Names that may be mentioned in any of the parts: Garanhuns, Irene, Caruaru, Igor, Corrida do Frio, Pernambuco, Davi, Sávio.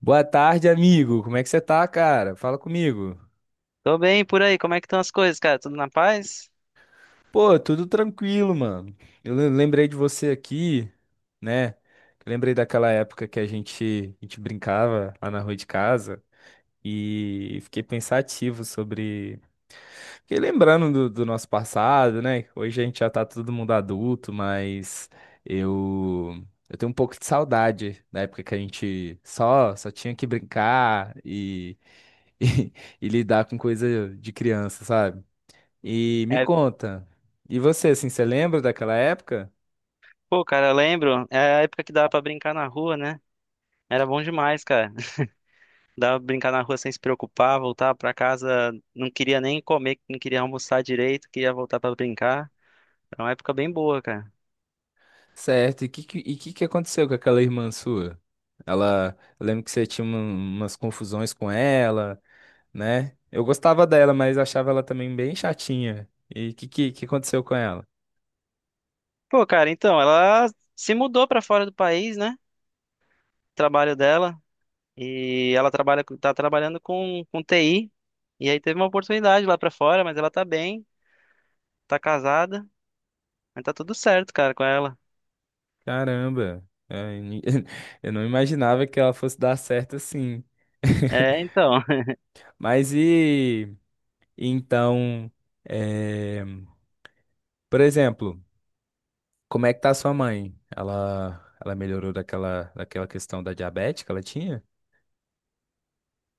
Boa tarde, amigo. Como é que você tá, cara? Fala comigo. Tô bem por aí, como é que estão as coisas, cara? Tudo na paz? Pô, tudo tranquilo, mano. Lembrei de você aqui, né? Eu lembrei daquela época que a gente brincava lá na rua de casa e fiquei pensativo sobre. Fiquei lembrando do nosso passado, né? Hoje a gente já tá todo mundo adulto, mas eu. Eu tenho um pouco de saudade da época que a gente só tinha que brincar e, e lidar com coisa de criança, sabe? E me É, conta, e você, assim, você lembra daquela época? pô, cara, eu lembro, é a época que dava pra brincar na rua, né? Era bom demais, cara. Dava pra brincar na rua sem se preocupar, voltava pra casa, não queria nem comer, não queria almoçar direito, queria voltar pra brincar. Era uma época bem boa, cara. Certo, e que que aconteceu com aquela irmã sua? Ela, eu lembro que você tinha umas confusões com ela, né? Eu gostava dela, mas achava ela também bem chatinha. E que aconteceu com ela? Pô, cara, então, ela se mudou pra fora do país, né? Trabalho dela, e ela trabalha, tá trabalhando com TI, e aí teve uma oportunidade lá pra fora, mas ela tá bem, tá casada, mas tá tudo certo, cara, com ela. Caramba, é, eu não imaginava que ela fosse dar certo assim. É, então. Mas então, é, por exemplo, como é que tá a sua mãe? Ela melhorou daquela questão da diabetes que ela tinha?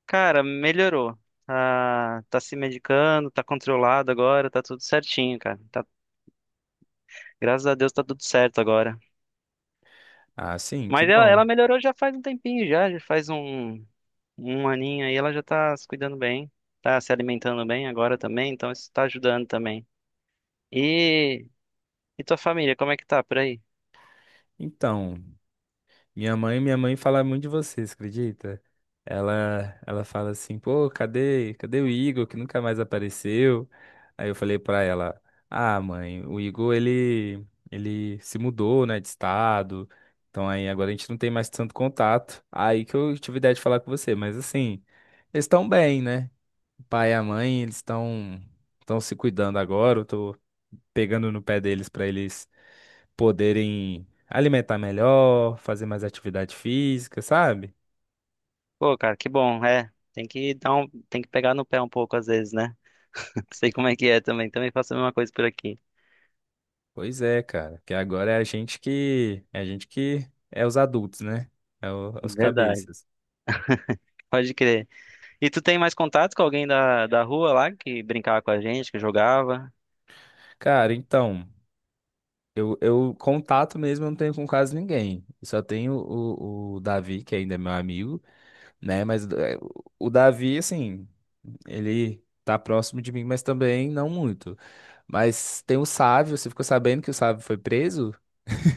Cara, melhorou. Tá, tá se medicando, tá controlado agora, tá tudo certinho, cara. Tá, graças a Deus tá tudo certo agora. Ah, sim, que Mas ela, bom. ela melhorou já faz um tempinho já, um aninho aí, ela já tá se cuidando bem, tá se alimentando bem agora também, então isso tá ajudando também. E, e tua família, como é que tá por aí? Então, minha mãe fala muito de vocês, acredita? Ela fala assim, pô, cadê o Igor que nunca mais apareceu? Aí eu falei pra ela, ah, mãe, o Igor, ele se mudou, né, de estado. Então aí agora a gente não tem mais tanto contato. Aí que eu tive a ideia de falar com você, mas assim, eles estão bem, né? O pai e a mãe, eles estão se cuidando agora. Eu tô pegando no pé deles para eles poderem alimentar melhor, fazer mais atividade física, sabe? Pô, cara, que bom, é. Tem que pegar no pé um pouco às vezes, né? Sei como é que é também, também faço a mesma coisa por aqui. Pois é, cara, que agora é a gente que é a gente que é os adultos, né? É, é os Verdade, cabeças. pode crer. E tu tem mais contato com alguém da rua lá que brincava com a gente, que jogava? Cara, então, eu contato mesmo eu não tenho com quase ninguém. Eu só tenho o Davi, que ainda é meu amigo, né? Mas é, o Davi, assim, ele tá próximo de mim, mas também não muito. Mas tem o Sávio, você ficou sabendo que o Sávio foi preso?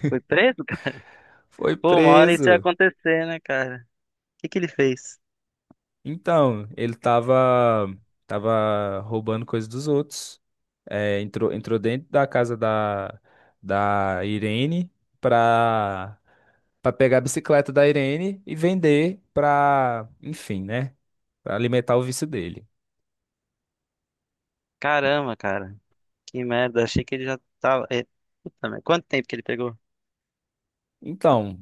Foi preso, cara? Foi Pô, uma hora isso ia preso. acontecer, né, cara? O que que ele fez? Então, ele tava roubando coisas dos outros. É, entrou dentro da casa da Irene pra, pra pegar a bicicleta da Irene e vender pra, enfim, né? Pra alimentar o vício dele. Caramba, cara. Que merda. Achei que ele já tava. É, Puta merda. Quanto tempo que ele pegou? Então,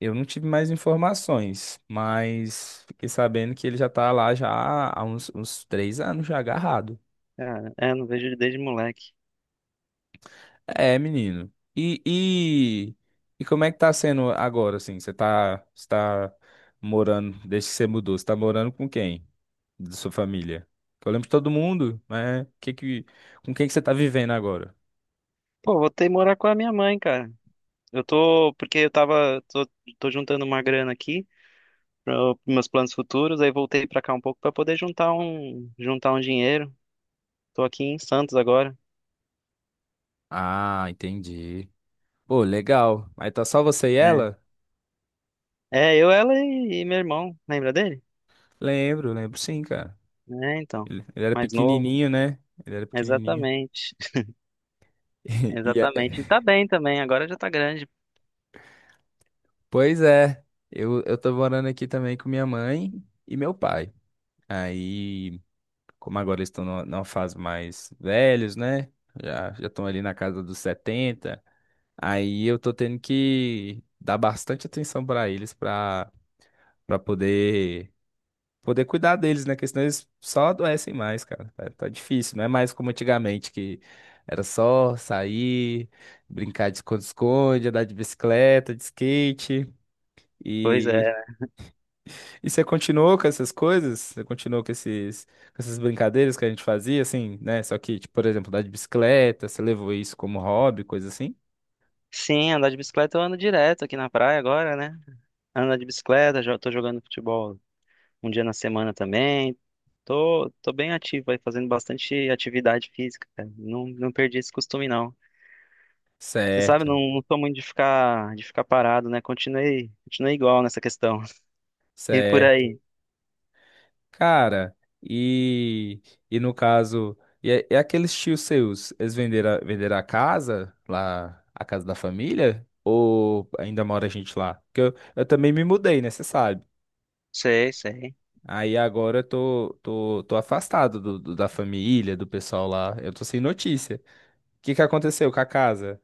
eu não tive mais informações, mas fiquei sabendo que ele já tá lá já há uns 3 anos já agarrado. Cara, é, não vejo ele desde moleque. É, menino. E como é que tá sendo agora, assim? Você tá morando, desde que você mudou, você tá morando com quem? Da sua família? Que eu lembro de todo mundo, mas com quem que você tá vivendo agora? Pô, vou ter que morar com a minha mãe, cara. Eu tô. Porque eu tava. Tô, Tô juntando uma grana aqui para meus planos futuros. Aí voltei pra cá um pouco pra poder juntar juntar um dinheiro. Tô aqui em Santos agora. Ah, entendi. Pô, legal. Aí tá só você e ela? É, eu, ela e meu irmão, lembra dele? Lembro, lembro sim, cara. É, então, Ele era mais novo. pequenininho, né? Ele era pequenininho. Exatamente, E é- exatamente. E tá bem também, agora já tá grande. Pois é, eu tô morando aqui também com minha mãe e meu pai. Aí, como agora eles estão numa fase mais velhos, né? Já estão ali na casa dos 70. Aí eu tô tendo que dar bastante atenção pra eles pra para poder poder cuidar deles, né? Porque senão eles só adoecem mais, cara. Tá difícil, não é mais como antigamente, que era só sair, brincar de esconde-esconde, andar de bicicleta, de skate. Pois E, é. e você continuou com essas coisas? Você continuou com essas brincadeiras que a gente fazia, assim, né? Só que, tipo, por exemplo, andar de bicicleta, você levou isso como hobby, coisa assim? Sim, andar de bicicleta eu ando direto aqui na praia agora, né? Andar de bicicleta, já tô jogando futebol um dia na semana também. Tô bem ativo aí, fazendo bastante atividade física, cara. Não, não perdi esse costume, não. Você sabe, Certo, não, não sou muito de ficar parado, né? Continuei igual nessa questão. E por certo. aí. Cara, e, e no caso, e, é- é aqueles tios seus, eles venderam, venderam a casa lá, a casa da família? Ou ainda mora a gente lá? Porque eu também me mudei, né? Você sabe. Sei, sei. Aí agora eu tô afastado da família, do pessoal lá. Eu tô sem notícia. O que que aconteceu com a casa?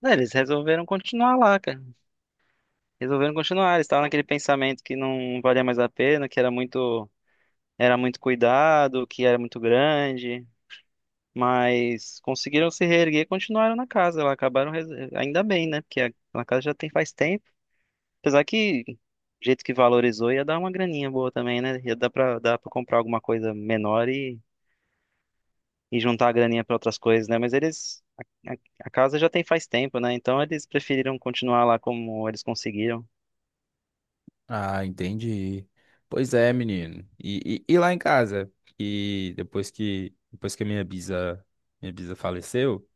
Não, eles resolveram continuar lá, cara. Resolveram continuar. Eles estavam naquele pensamento que não valia mais a pena, era muito cuidado, que era muito grande. Mas conseguiram se reerguer e continuaram na casa lá. Ainda bem, né? Porque a casa já tem faz tempo. Apesar que, do jeito que valorizou, ia dar uma graninha boa também, né? Dar pra comprar alguma coisa menor e juntar a graninha pra outras coisas, né? Mas eles. A, a a casa já tem faz tempo, né? Então eles preferiram continuar lá como eles conseguiram. Ah, entendi. Pois é, menino. E lá em casa? E depois que a minha bisa faleceu.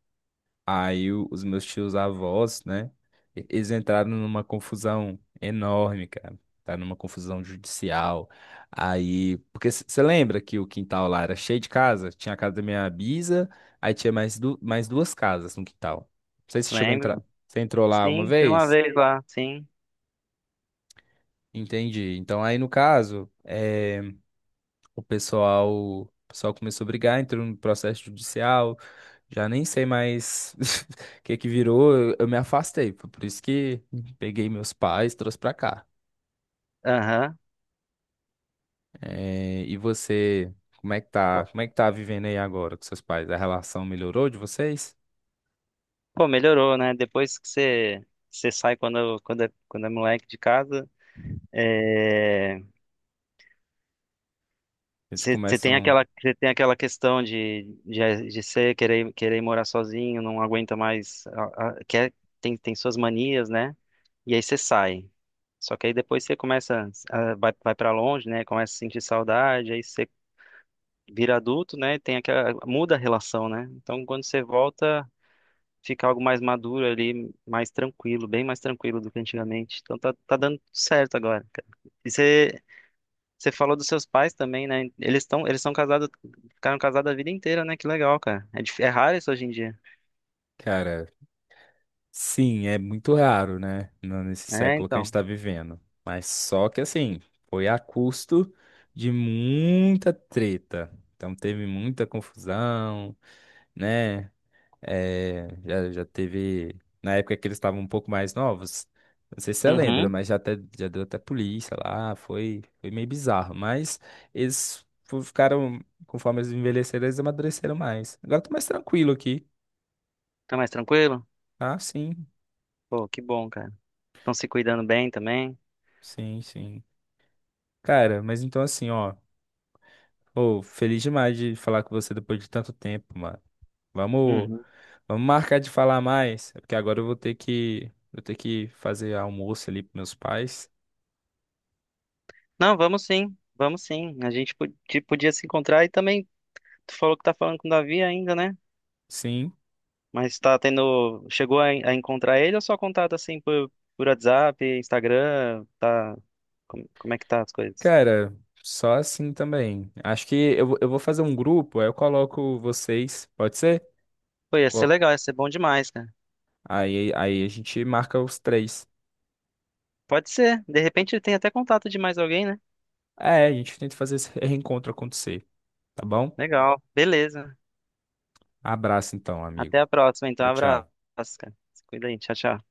Aí os meus tios avós, né? Eles entraram numa confusão enorme, cara. Tá numa confusão judicial. Aí, porque você lembra que o quintal lá era cheio de casa? Tinha a casa da minha bisa, aí tinha mais duas casas no quintal. Não sei se você chegou a entrar. Lembro. Você entrou lá uma Sim, fui uma vez? vez lá, sim. Entendi. Então, aí no caso, o pessoal, o pessoal começou a brigar, entrou no processo judicial, já nem sei mais o que que virou, eu me afastei, foi por isso que peguei meus pais, trouxe pra cá. Aham. Eh, e você, como é que tá, Pô, como é que tá vivendo aí agora com seus pais? A relação melhorou de vocês? pô, melhorou, né? Depois que você, você sai quando é moleque de casa, é, Eles começam, você tem aquela questão de querer morar sozinho, não aguenta mais, quer, tem suas manias, né? E aí você sai. Só que aí depois você começa, vai para longe, né? Começa a sentir saudade, aí você vira adulto, né? Tem aquela, muda a relação, né? Então quando você volta fica algo mais maduro ali, mais tranquilo, bem mais tranquilo do que antigamente. Então tá, tá dando certo agora, cara. E você falou dos seus pais também, né? Eles são casados, ficaram casados a vida inteira, né? Que legal, cara. É, é raro isso hoje em dia. cara, sim, é muito raro, né? Nesse É, século que a gente então. está vivendo. Mas só que assim, foi a custo de muita treta. Então teve muita confusão, né? É, já teve. Na época que eles estavam um pouco mais novos. Não sei se você lembra, Uhum. mas já deu até polícia lá. Foi meio bizarro. Mas eles ficaram, conforme eles envelheceram, eles amadureceram mais. Agora eu tô mais tranquilo aqui. Tá mais tranquilo? Ah, Pô, que bom, cara. Estão se cuidando bem também. Sim. Cara, mas então assim, ó. Ô, feliz demais de falar com você depois de tanto tempo, mano. Vamos, Uhum. vamos marcar de falar mais, porque agora eu vou ter que fazer almoço ali pros meus pais. Não, vamos sim. Vamos sim. A gente podia se encontrar e também tu falou que tá falando com o Davi ainda, né? Sim. Mas tá tendo. Chegou a encontrar ele ou só contato assim por WhatsApp, Instagram? Tá. Como, como é que tá as coisas? Cara, só assim também. Acho que eu vou fazer um grupo, aí eu coloco vocês, pode ser? Pô, ia ser Co- legal, ia ser bom demais, cara. aí a gente marca os três. Pode ser. De repente ele tem até contato de mais alguém, né? É, a gente tenta fazer esse reencontro acontecer, tá bom? Legal. Beleza. Abraço então, Até amigo. a próxima, então. Tchau, Abraço, tchau. cara. Se cuida aí. Tchau, tchau.